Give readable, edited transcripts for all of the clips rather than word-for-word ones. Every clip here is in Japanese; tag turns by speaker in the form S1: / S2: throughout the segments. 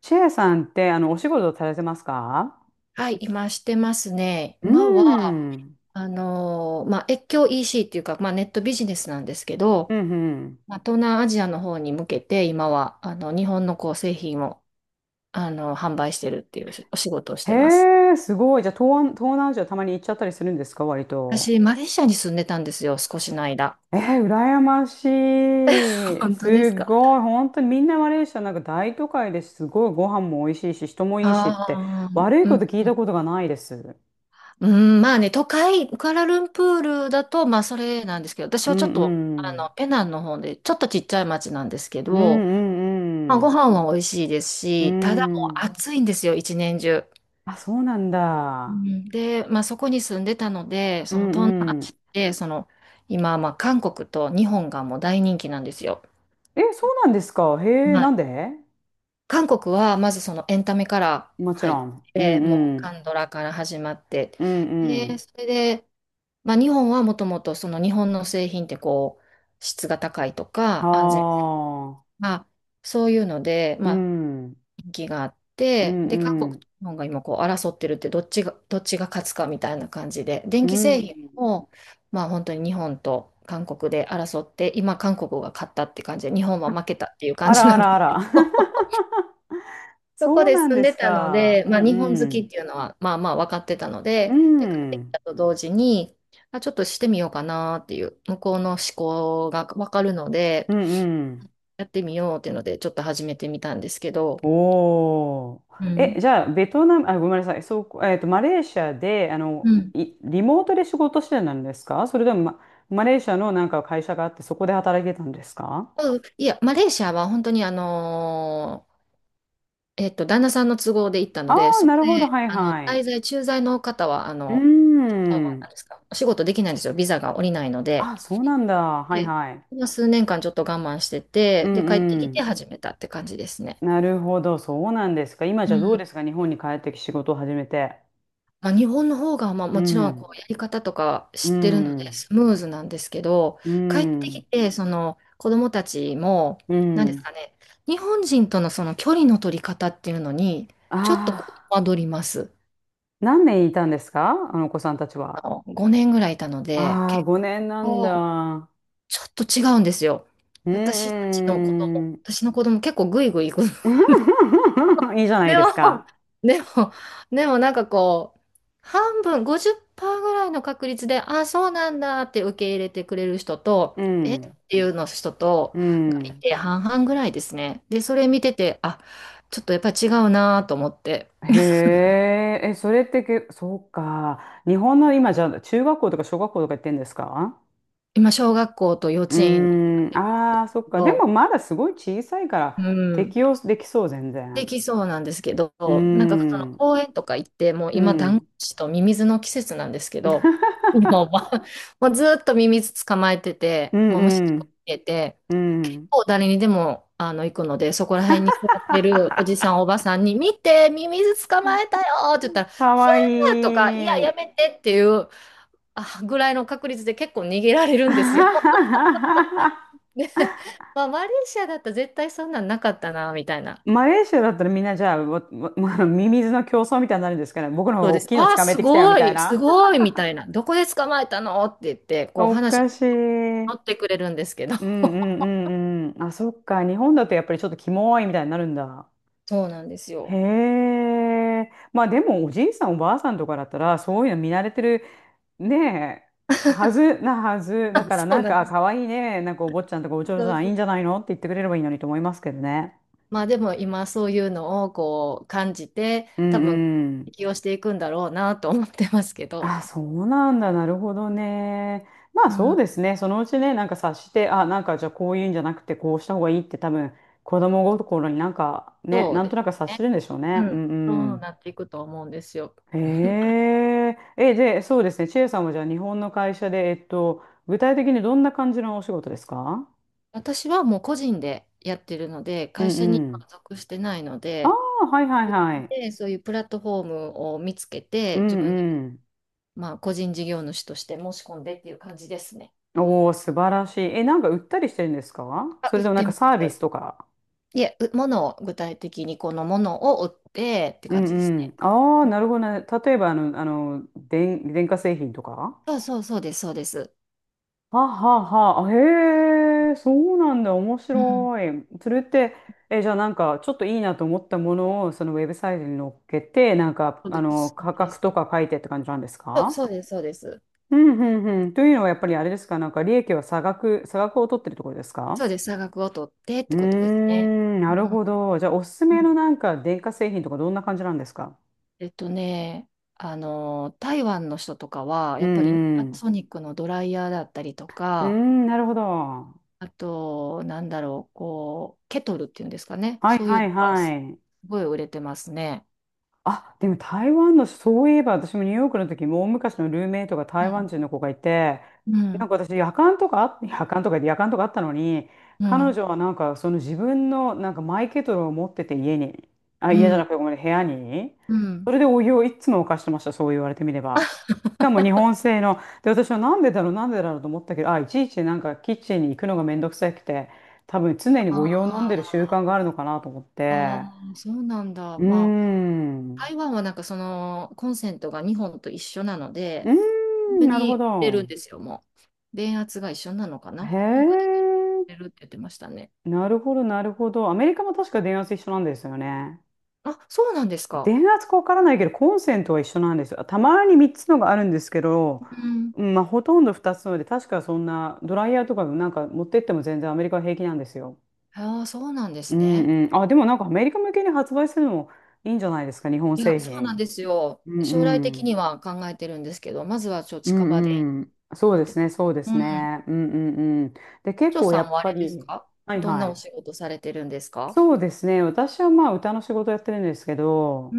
S1: チェアさんって、お仕事されてますか？
S2: はい、今してますね。
S1: うー
S2: 今は、
S1: ん。
S2: 越境 EC っていうか、まあ、ネットビジネスなんですけ
S1: う
S2: ど、
S1: んうん。
S2: まあ、東南アジアの方に向けて、今は、日本のこう製品を、販売してるっていうお仕事をしてます。
S1: へえ、すごい。じゃあ、東南アジアたまに行っちゃったりするんですか、割と。
S2: 私、マレーシアに住んでたんですよ、少しの間。
S1: えー、羨まし い。
S2: 本当です
S1: す
S2: か。
S1: ごい。本当にみんなマレーシアなんか大都会です、すごいご飯も美味しいし、人もいいしって、
S2: ああ、
S1: 悪い
S2: う
S1: こ
S2: ん。
S1: と聞いたことがないです。
S2: うんまあね、都会、クアラルンプールだと、まあ、それなんですけど、私
S1: う
S2: はちょっ
S1: ん
S2: と、
S1: うん。
S2: ペナンの方で、ちょっとちっちゃい町なんですけ
S1: うん
S2: ど、
S1: う
S2: ま
S1: ん
S2: あ、
S1: う
S2: ご
S1: ん。
S2: 飯は美味しいです
S1: う
S2: し、ただもう
S1: ん。
S2: 暑いんですよ、一年中。
S1: あ、そうなん
S2: う
S1: だ。
S2: んで、まあ、そこに住んでたので、
S1: う
S2: その東南ア
S1: んう
S2: ジ
S1: ん。
S2: アで、その今、まあ、韓国と日本がもう大人気なんですよ。
S1: え、そうなんですか。へえ、
S2: は
S1: な
S2: い、
S1: んで？
S2: 韓国はまずそのエンタメから
S1: もち
S2: 入っ
S1: ろん。う
S2: て、
S1: ん
S2: もう
S1: うん。
S2: 韓ドラから始まって、
S1: うんう
S2: で、
S1: ん。
S2: それで、まあ、日本はもともとその日本の製品ってこう質が高いとか安全
S1: ああ。
S2: が、そういうので、
S1: う
S2: まあ、
S1: ん。
S2: 人気があっ
S1: う
S2: て、
S1: ん
S2: で、韓
S1: う
S2: 国と
S1: ん。
S2: 日本が今こう争ってるって、どっちが勝つかみたいな感じで、電
S1: う
S2: 気
S1: ん。
S2: 製品を、まあ本当に日本と韓国で争って、今韓国が勝ったって感じで、日本は負けたっていう感
S1: あ
S2: じ
S1: ら
S2: な
S1: あ
S2: ん
S1: ら
S2: で
S1: あ
S2: すけ
S1: ら。
S2: ど、そこ
S1: そう
S2: で
S1: なん
S2: 住ん
S1: で
S2: で
S1: す
S2: たの
S1: か。
S2: で、
S1: うん
S2: まあ日本好
S1: う
S2: き
S1: ん。
S2: っていうのは、まあまあ分かってたの
S1: う
S2: で、で、帰ってき
S1: ん。
S2: たと同時に、あ、ちょっとしてみようかなっていう、向こうの思考が分かるので、
S1: うんうん。
S2: やってみようっていうので、ちょっと始めてみたんですけど、
S1: おお、
S2: う
S1: え、
S2: ん。
S1: じゃあ、ベトナム、あ、ごめんなさい。そう、マレーシアで、
S2: うん
S1: いリモートで仕事してたんですか、それとも、ま、マレーシアのなんか会社があって、そこで働いてたんですか？
S2: うん、いや、マレーシアは本当に旦那さんの都合で行った
S1: あ
S2: ので、
S1: あー、
S2: そこ
S1: なるほど。
S2: で、
S1: はい
S2: あの、
S1: はい。
S2: 滞在、駐在の方は、
S1: うー
S2: な
S1: ん。
S2: んですか、お仕事できないんですよ。ビザが下りないので。
S1: あ、そうなんだ。はい
S2: で、
S1: はい。
S2: まあ数年間ちょっと我慢して
S1: う
S2: て、で、帰って
S1: んう
S2: きて
S1: ん。
S2: 始めたって感じですね。
S1: なるほど。そうなんですか。今
S2: う
S1: じゃどう
S2: ん。
S1: ですか、日本に帰ってき仕事を始めて。
S2: まあ、日本の方が、まあ、
S1: う
S2: もちろん
S1: ん。
S2: こうやり方とか
S1: う
S2: 知ってるので
S1: ん。
S2: スムーズなんですけど、
S1: う
S2: 帰ってき
S1: ん。
S2: てその子供たちも、
S1: う
S2: 何です
S1: ん。
S2: かね、日本人とのその距離の取り方っていうのにちょっとこ
S1: あ
S2: う戸
S1: あ、
S2: 惑ります。
S1: 何年いたんですか、あのお子さんたち
S2: あ
S1: は。
S2: の5年ぐらいいたので
S1: ああ、
S2: 結
S1: 5年なん
S2: 構
S1: だ。
S2: ちょっと違うんですよ。
S1: う
S2: 私た
S1: ー
S2: ちの子供
S1: ん。
S2: 私の子供結構グイグイ行く。
S1: いいじゃない
S2: で
S1: で
S2: も、
S1: すか。
S2: でも、でもなんかこう、半分、50%ぐらいの確率で、あ、そうなんだって受け入れてくれる人と、
S1: う
S2: えっ
S1: ん。
S2: ていうの人と、
S1: う
S2: がい
S1: ん。
S2: て半々ぐらいですね。で、それ見てて、あ、ちょっとやっぱり違うなと思って、
S1: へえ、え、それってけ、そうか。日本の今じゃ中学校とか小学校とか行ってんですか？
S2: 今、小学校と幼
S1: うー
S2: 稚園に行ったん
S1: ん、
S2: です
S1: ああ、そっ
S2: け
S1: か。で
S2: ど、
S1: もまだすごい小さいから
S2: うん、
S1: 適応できそう、全
S2: で
S1: 然。
S2: きそうなんですけど、
S1: うー
S2: なんかその
S1: ん、
S2: 公園とか行って、もう
S1: う
S2: 今、ダンゴム
S1: ん。
S2: シとミミズの季節なんですけど、もう、まあもうずーっとミミズ捕まえて
S1: う
S2: て、もう虫を
S1: ん、
S2: 見えて、
S1: うん、うん。
S2: もう誰にでも行くので、そこら辺に座ってるおじさ ん、おばさんに、見て、ミミズ捕まえたよって言ったら、ひ
S1: かわ
S2: ゃーとか、いや、
S1: い
S2: やめ
S1: い。
S2: てっていうぐらいの確率で結構逃げられるんですよ。で、まあ、マレーシアだったら絶対そんなんなかったな、みたいな。
S1: マレーシアだったらみんなじゃあ、わわわ ミミズの競争みたいになるんですかね。僕の方
S2: そ
S1: が
S2: う
S1: 大
S2: です。
S1: きいの
S2: あ
S1: つ
S2: あ、
S1: かめ
S2: す
S1: てきたよみ
S2: ご
S1: たい
S2: い、す
S1: な。
S2: ごい、みたいな。どこで捕まえたのって言って、こう
S1: お
S2: 話に
S1: かし
S2: 乗
S1: い。
S2: ってくれるんですけど。
S1: うんうんうんうん。あ、そっか。日本だとやっぱりちょっとキモいみたいになるんだ。
S2: そうなんです
S1: へ
S2: よ。
S1: え。まあでもおじいさんおばあさんとかだったらそういうの見慣れてるねえ、はずな、はずだ から、
S2: そう
S1: なん
S2: なん
S1: かあ
S2: です。
S1: 可愛いいね、なんかお坊ちゃんとかお嬢
S2: そ
S1: さ
S2: う
S1: んい
S2: そ
S1: い
S2: う。
S1: んじゃないのって言ってくれればいいのにと思いますけどね。
S2: まあでも今そういうのをこう感じて、
S1: う
S2: 多分
S1: んうん。
S2: 適応していくんだろうなと思ってますけど。
S1: あ、そうなんだ。なるほどね。まあ
S2: う
S1: そう
S2: ん、
S1: ですね。そのうちね、なんか察して、あ、なんかじゃあこういうんじゃなくてこうした方がいいって、多分子供心になんかね、
S2: そう
S1: なん
S2: で
S1: と
S2: す
S1: なく察し
S2: ね。
S1: てるんでしょう
S2: う
S1: ね。う
S2: ん。
S1: んう
S2: そう
S1: ん。
S2: なっていくと思うんですよ。
S1: へ え。え、で、そうですね。チエさんはじゃあ日本の会社で、具体的にどんな感じのお仕事ですか？
S2: 私はもう個人でやってるので、
S1: う
S2: 会
S1: ん
S2: 社に
S1: う
S2: は
S1: ん。
S2: 属してないの
S1: あ
S2: で、
S1: あ、はいはい
S2: 自
S1: は
S2: 分
S1: い。
S2: でそういうプラットフォームを見つけ
S1: う
S2: て、自
S1: ん
S2: 分で、
S1: うん。
S2: まあ、個人事業主として申し込んでっていう感じですね。
S1: おお、素晴らしい。え、なんか売ったりしてるんですか、
S2: あ、
S1: それ
S2: 売っ
S1: ともなん
S2: て
S1: か
S2: ま
S1: サービ
S2: す。
S1: スとか。
S2: いえ、う物を具体的にこのものを売ってって
S1: う
S2: 感じです
S1: んうん。
S2: ね。
S1: ああ、なるほどね。例えばあの、電化製品とか。
S2: そうそうそうです、そうです。
S1: はあはあはあ、へえ、そうなんだ、面
S2: うん。
S1: 白い。それって、え、じゃあなんか、ちょっといいなと思ったものを、そのウェブサイトに載っけて、なんか、
S2: そうです、そう
S1: 価
S2: で
S1: 格
S2: す。
S1: とか書いてって感じなんです
S2: そう、
S1: か？
S2: そうです、そうです。
S1: うんうんうん。というのは、やっぱりあれですか、なんか、利益は差額、差額を取ってるところです
S2: そ
S1: か？
S2: うです、差額を取ってっ
S1: うー
S2: てことですね。
S1: ん、
S2: う
S1: なる
S2: ん。
S1: ほど。じゃあ、おすす
S2: う
S1: めの
S2: ん。
S1: なんか、電化製品とか、どんな感じなんですか？
S2: えっとね、台湾の人とかは、
S1: う
S2: やっぱり
S1: んう
S2: パナ
S1: ん。
S2: ソニックのドライヤーだったりと
S1: うー
S2: か、
S1: ん、なるほど。は
S2: あと、なんだろう、こう、ケトルっていうんですかね。
S1: い
S2: そういう
S1: はい
S2: のが
S1: は
S2: す
S1: い。
S2: ごい売れてますね。
S1: あ、でも台湾の、そういえば私もニューヨークの時、も大昔のルーメイトが
S2: う
S1: 台湾
S2: ん、
S1: 人の子がいて、
S2: う
S1: なん
S2: ん、
S1: か私、夜間とかあったのに、
S2: う
S1: 彼
S2: ん、
S1: 女はなんかその自分のなんかマイケトルを持ってて家に、あ、
S2: う
S1: 家じゃな
S2: ん、
S1: くてごめんね、部屋に、
S2: う
S1: そ
S2: ん。
S1: れでお湯をいつも沸かしてました、そう言われてみれば。
S2: あ
S1: しかも日本製の、で、私はなんでだろうと思ったけど、あ、いちいちなんかキッチンに行くのがめんどくさくて、多分常にお
S2: あ、
S1: 湯を飲ん でる習慣
S2: あ
S1: があるのかなと思っ
S2: あ、
S1: て、
S2: そうなんだ。
S1: うー
S2: まあ、
S1: ん。
S2: 台湾はなんかそのコンセントが2本と一緒なの
S1: う
S2: で、本
S1: ー
S2: 当
S1: ん、なるほ
S2: に売れるん
S1: ど。
S2: ですよ、もう。電圧が一緒なのかな
S1: へ
S2: なんか、
S1: え、
S2: 売れるって言ってましたね。
S1: なるほど。アメリカも確か電圧一緒なんですよね。
S2: あ、そうなんですか。
S1: 電圧かわからないけど、コンセントは一緒なんですよ。たまに3つのがあるんですけど、
S2: うん。
S1: うんまあ、ほとんど2つので、確かそんな、ドライヤーとかなんか持ってっても全然アメリカは平気なんですよ。
S2: ああ、そうなんで
S1: う
S2: すね。
S1: んうん。あ、でもなんかアメリカ向けに発売するのもいいんじゃないですか、日本
S2: いや、
S1: 製
S2: そうなん
S1: 品。
S2: ですよ。
S1: うん
S2: 将来
S1: う
S2: 的に
S1: ん。
S2: は考えてるんですけど、まずはちょっと
S1: う
S2: 近場で
S1: んうん。
S2: って。
S1: そうで
S2: う
S1: す
S2: ん。
S1: ね。うんうんうん。で、結
S2: 長
S1: 構や
S2: さん
S1: っ
S2: はあ
S1: ぱ
S2: れです
S1: り、
S2: か、
S1: はい
S2: どん
S1: は
S2: なお
S1: い。
S2: 仕事されてるんですか。
S1: そうですね。私はまあ歌の仕事やってるんですけ
S2: う
S1: ど、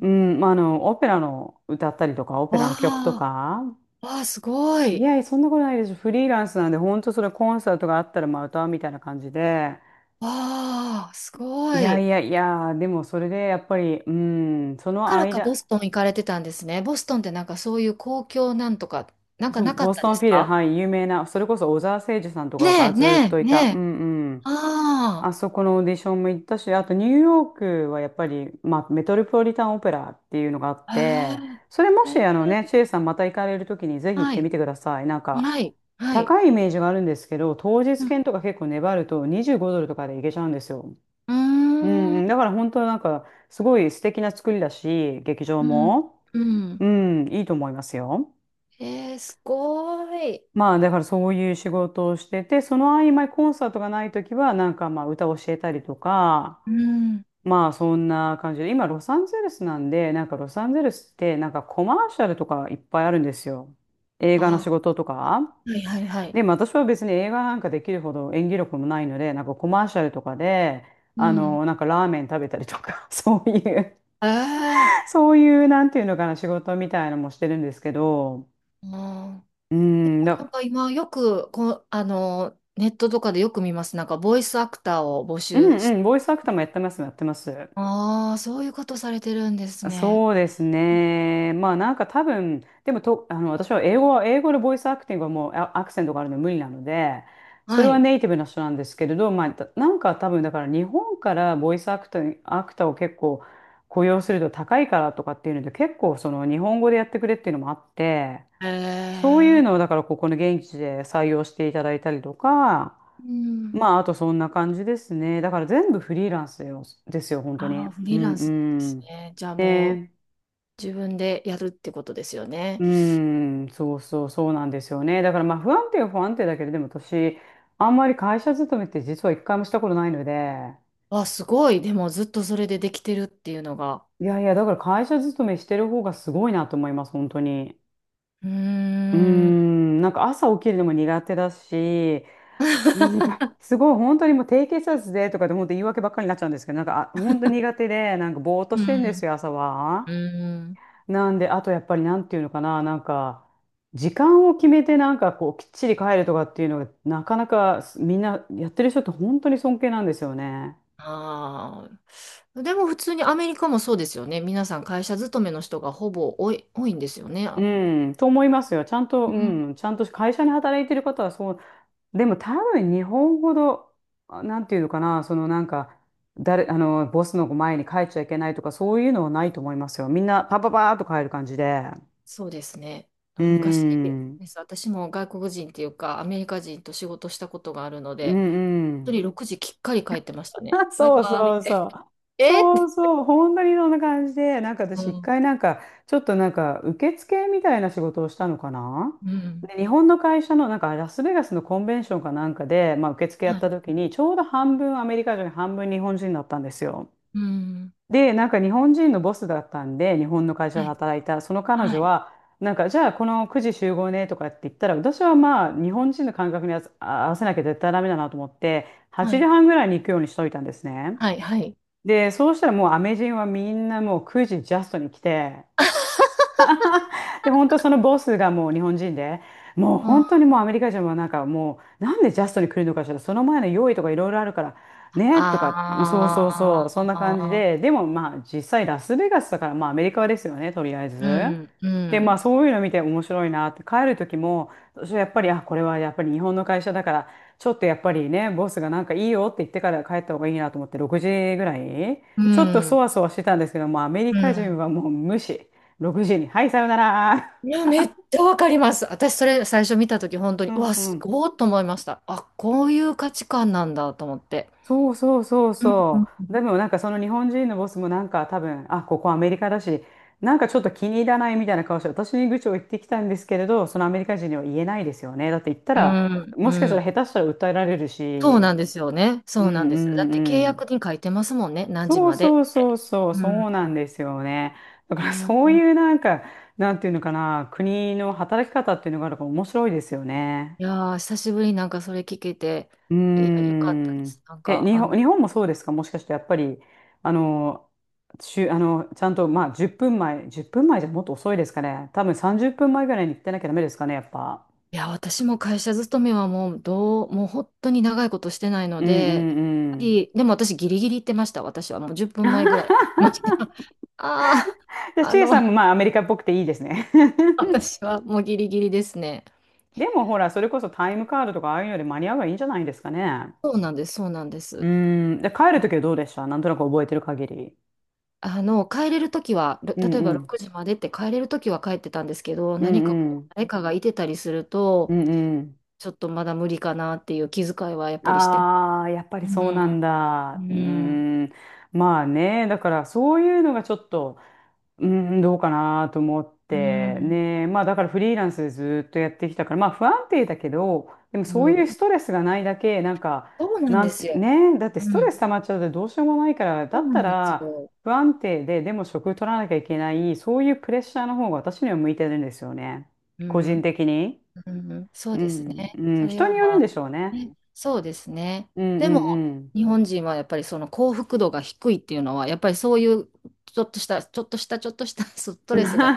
S1: うん、まあ、オペラの歌ったりとか、オペラの
S2: わ
S1: 曲と
S2: あ、
S1: か、
S2: わあ、すご
S1: い
S2: い。
S1: やいや、そんなことないです。フリーランスなんで、本当それコンサートがあったらまあ歌うみたいな感じで、
S2: わあ、す
S1: い
S2: ご
S1: やい
S2: い。だ
S1: やいや、でもそれでやっぱり、うん、そ
S2: か
S1: の
S2: らかボ
S1: 間、
S2: ストン行かれてたんですね。ボストンってなんかそういう公共なんとか、なんか
S1: そう、
S2: なか
S1: ボ
S2: っ
S1: ス
S2: た
S1: ト
S2: で
S1: ン
S2: す
S1: フィル、
S2: か。
S1: はい、有名な、それこそ小澤征爾さんと
S2: ね
S1: か
S2: え、
S1: がずっ
S2: ね
S1: と
S2: え、
S1: い
S2: ね
S1: た、うん
S2: え。
S1: うん。
S2: あ
S1: あそこのオーディションも行ったし、あとニューヨークはやっぱり、まあ、メトロポリタンオペラっていうのがあっ
S2: あ、
S1: て、
S2: へ
S1: それも
S2: え、
S1: し
S2: へ
S1: あ
S2: え、
S1: のね、チェイさんまた行かれるときにぜひ行っ
S2: は
S1: て
S2: い、
S1: みてください。なんか、
S2: はい、はい。
S1: 高いイメージがあるんですけど、当
S2: う
S1: 日
S2: ん、
S1: 券とか結構粘ると25ドルとかで行けちゃうんですよ。
S2: うー
S1: うん
S2: ん、
S1: うん、だから本当なんか、すごい素敵な作りだし、劇場
S2: うん、
S1: も、
S2: うん。
S1: うん、いいと思いますよ。
S2: えー、すごい。
S1: まあだからそういう仕事をしてて、その合間にコンサートがないときは、なんかまあ歌を教えたりとか、
S2: うん。
S1: まあそんな感じで、今ロサンゼルスなんで、なんかロサンゼルスってなんかコマーシャルとかいっぱいあるんですよ。映画の
S2: あ、
S1: 仕事とか。
S2: はい、はい、はい。
S1: でも私は別に映画なんかできるほど演技力もないので、なんかコマーシャルとかで、
S2: うん。
S1: なんかラーメン食べたりとか、そういう
S2: ええ。
S1: そういうなんていうのかな、仕事みたいなのもしてるんですけど、
S2: うん。な
S1: うん、
S2: ん
S1: だ、
S2: か今よくこう、ネットとかでよく見ます。なんかボイスアクターを募
S1: う
S2: 集
S1: んう
S2: し、
S1: ん、ボイスアクターもやってます、やってます。
S2: ああ、そういうことされてるんですね。
S1: そうですね。まあなんか多分、でもと、私は英語は、英語のボイスアクティングはもうアクセントがあるの無理なので、そ
S2: は
S1: れは
S2: い。
S1: ネイティブな人なんですけれど、まあたなんか多分だから日本からボイスアクター、アクターを結構雇用すると高いからとかっていうので、結構その日本語でやってくれっていうのもあって、そうい
S2: え
S1: うのを
S2: え。
S1: だからここの現地で採用していただいたりとか、
S2: うん。
S1: まああとそんな感じですね。だから全部フリーランスですよ、ですよ本当に。
S2: ああ、フ
S1: う
S2: リー
S1: ん
S2: ラン
S1: う
S2: スなんです
S1: ん。
S2: ね。じゃあも
S1: ね
S2: う自分でやるってことですよね。
S1: うーん、そうなんですよね。だからまあ不安定は不安定だけど、でも私、あんまり会社勤めって実は一回もしたことないので、
S2: わあ、すごい。でもずっとそれでできてるっていうのが。
S1: いやいや、だから会社勤めしてる方がすごいなと思います、本当に。
S2: うー
S1: うー
S2: ん。
S1: ん、なんか朝起きるのも苦手だし、なんか すごい本当にもう低血圧でとかで本当言い訳ばっかりになっちゃうんですけど、なんかあ本当苦手で、なんかぼーっと
S2: う
S1: してるんです
S2: ん。
S1: よ、朝は。
S2: うん。
S1: なんで、あとやっぱりなんていうのかな、なんか、時間を決めてなんかこう、きっちり帰るとかっていうのが、なかなかみんなやってる人って本当に尊敬なんですよね。
S2: ああ。でも普通にアメリカもそうですよね。皆さん会社勤めの人がほぼ多いんですよね。
S1: うん、と思いますよ。ちゃんと、
S2: う
S1: う
S2: ん、
S1: ん、ちゃんと会社に働いてる方はそう。でも多分日本ほど、なんていうのかな、そのなんか、誰、あの、ボスの前に帰っちゃいけないとか、そういうのはないと思いますよ。みんなパパパーっと帰る感じで。
S2: そうですね。
S1: う
S2: 昔で
S1: ん、
S2: す。私も外国人っていうかアメリカ人と仕事したことがあるの
S1: う
S2: で、
S1: ん、う
S2: 一人
S1: ん。
S2: 6時きっかり帰ってました ね。
S1: あ、
S2: バイ
S1: そう
S2: バイっ
S1: そう
S2: て。
S1: そ う。
S2: えっ
S1: そう
S2: て。
S1: そう、本当にそんな感じで、なんか
S2: う
S1: 私、一
S2: ん。
S1: 回なんか、ちょっとなんか、受付みたいな仕事をしたのかな。
S2: うん。
S1: で、日本の会社の、なんか、ラスベガスのコンベンションかなんかで、まあ、受付や
S2: は
S1: った
S2: い。
S1: 時に、ちょうど半分アメリカ人、半分日本人だったんですよ。
S2: うん。
S1: で、なんか、日本人のボスだったんで、日本の会社
S2: は
S1: で
S2: い。
S1: 働いた、その彼
S2: は
S1: 女
S2: い。
S1: は、なんか、じゃあ、この9時集合ねとかって言ったら、私はまあ、日本人の感覚に合わせなきゃ絶対ダメだなと思って、
S2: は
S1: 8
S2: い。
S1: 時半ぐらいに行くようにしといたんですね。
S2: はい。はい。
S1: で、そうしたらもうアメ人はみんなもう9時ジャストに来て、で、本当そのボスがもう日本人で、もう本当
S2: あ
S1: にもうアメリカ人はなんかもう、なんでジャストに来るのかしら、その前の用意とかいろいろあるから、ね、とか、そうそうそう、そんな感じ
S2: あ
S1: で、でもまあ実際ラスベガスだから、まあアメリカですよね、とりあえず。
S2: ー。うん。う
S1: で、まあ
S2: ん。
S1: そういうの見て面白いなって、帰る時も、私はやっぱり、あ、これはやっぱり日本の会社だから、ちょっとやっぱりね、ボスがなんかいいよって言ってから帰った方がいいなと思って、6時ぐらい、
S2: う
S1: ちょっとそ
S2: ん。
S1: わそわしてたんですけど、もうアメリ
S2: う
S1: カ人
S2: ん。
S1: はもう無視。6時に。はい、さよなら。
S2: いや、めっちゃわかります。私、それ最初見たとき、本当
S1: う
S2: に、う
S1: ん
S2: わ、
S1: う
S2: す
S1: ん。
S2: ごいと思いました。あ、こういう価値観なんだと思って。
S1: そうそうそう
S2: うん、う
S1: そう。
S2: ん、
S1: でもなんかその日本人のボスもなんか多分、あ、ここアメリカだし、なんかちょっと気に入らないみたいな顔して、私に愚痴を言ってきたんですけれど、そのアメリカ人には言えないですよね。だって言った
S2: う
S1: ら、
S2: ん、
S1: も
S2: う
S1: しかしたら
S2: ん。
S1: 下手したら訴えられる
S2: そうな
S1: し。
S2: んですよね。
S1: うん
S2: そうなんですよ。だ
S1: う
S2: っ
S1: ん
S2: て契
S1: う
S2: 約
S1: ん。
S2: に書いてますもんね。何時
S1: そう
S2: まで
S1: そう
S2: っ
S1: そう
S2: て。
S1: そう、
S2: う
S1: そ
S2: ん、
S1: うな
S2: う
S1: ん
S2: ん、
S1: ですよね。だか
S2: う
S1: ら
S2: ん。
S1: そういうなんか、なんていうのかな、国の働き方っていうのがあるから面白いですよね。
S2: いやー、久しぶりになんかそれ聞けて、
S1: うー
S2: いや、よかったで
S1: ん。
S2: す。なん
S1: え、
S2: か、
S1: 日
S2: あの、
S1: 本、日本もそうですかもしかしてやっぱり、あの、中、あの、ちゃんと、まあ、10分前じゃもっと遅いですかね。多分30分前ぐらいに行ってなきゃダメですかね、やっぱ。
S2: いや、私も会社勤めはもうもう本当に長いことしてないの
S1: うんう
S2: で、やっぱ
S1: んうん。
S2: りでも私ギリギリ行ってました。私はもう10分前ぐらいに。まじ、ああ、
S1: で、
S2: あ
S1: チェイ
S2: の、
S1: さんもまあ、アメリカっぽくていいですね。
S2: 私はもうギリギリですね。
S1: でもほら、それこそタイムカードとかああいうので間に合えばいいんじゃないですかね。
S2: そうなんです、そうなんで
S1: う
S2: す。
S1: ーん。で、帰るときはどうでした？なんとなく覚えてる限り。
S2: あの、帰れるときは、
S1: うん
S2: 例え
S1: う
S2: ば
S1: ん。
S2: 6時までって帰れるときは帰ってたんですけど、
S1: う
S2: 何かこ
S1: んう
S2: う、
S1: ん。
S2: 誰かがいてたりする
S1: う
S2: と、
S1: んうん。
S2: ちょっとまだ無理かなっていう気遣いはやっぱりしてます。
S1: ああ、やっぱ
S2: う
S1: りそうなん
S2: ん、
S1: だ。うー
S2: うん、
S1: ん。まあね、だからそういうのがちょっと、うーどうかなと思っ
S2: う
S1: て、
S2: ん、
S1: ね。まあだからフリーランスでずっとやってきたから、まあ不安定だけど、でも
S2: う
S1: そういう
S2: ん。
S1: ストレスがないだけ、なんか、
S2: そうなん
S1: な
S2: で
S1: ん
S2: す
S1: て、
S2: よ。
S1: ね、だって
S2: う
S1: ストレス
S2: ん。
S1: 溜まっちゃうとどうしようもないから、だ
S2: そう
S1: っ
S2: な
S1: た
S2: んです
S1: ら
S2: よ。
S1: 不安定で、でも職取らなきゃいけない、そういうプレッシャーの方が私には向いてるんですよね。
S2: う
S1: 個人
S2: ん、
S1: 的に。
S2: うん、そう
S1: う
S2: ですね。
S1: ん、う
S2: そ
S1: ん、
S2: れ
S1: 人
S2: を
S1: によ
S2: ま
S1: るん
S2: あ、
S1: でしょうね。
S2: ね、そうですね。
S1: うんう
S2: でも、
S1: んうん。
S2: 日本人はやっぱりその幸福度が低いっていうのは、やっぱりそういうちょっとした、ちょっとした、ちょっとした ストレスが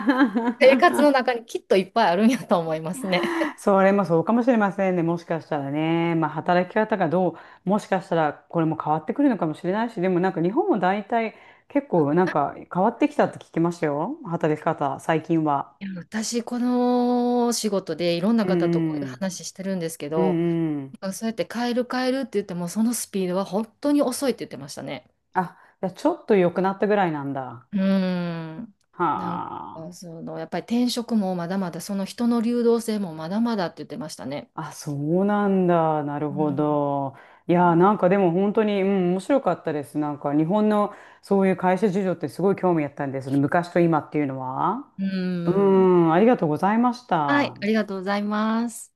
S2: 生活 の中にきっといっぱいあるんやと思いますね。
S1: それもそうかもしれませんね。もしかしたらね。まあ、働き 方がどう、もしかしたらこれも変わってくるのかもしれないし、でもなんか日本も大体結構なんか変わってきたって聞きましたよ。働き方、最近は。
S2: いや、私、この仕事でいろんな
S1: う
S2: 方とこうい
S1: ん
S2: う
S1: うん。
S2: 話してるんですけ
S1: う
S2: ど、
S1: んうん。
S2: そうやって変えるって言っても、そのスピードは本当に遅いって言ってましたね。
S1: あ、じゃあちょっと良くなったぐらいなんだ。
S2: うーん。
S1: は
S2: なんか、
S1: あ。
S2: その、やっぱり転職もまだまだ、その人の流動性もまだまだって言ってましたね。
S1: あ、そうなんだ。なる
S2: う
S1: ほ
S2: ん。
S1: ど。いやー、なんかでも本当に、うん、面白かったです。なんか日本のそういう会社事情ってすごい興味あったんです。昔と今っていうのは。
S2: う
S1: う
S2: ん。
S1: ん、ありがとうございまし
S2: はい、
S1: た。
S2: ありがとうございます。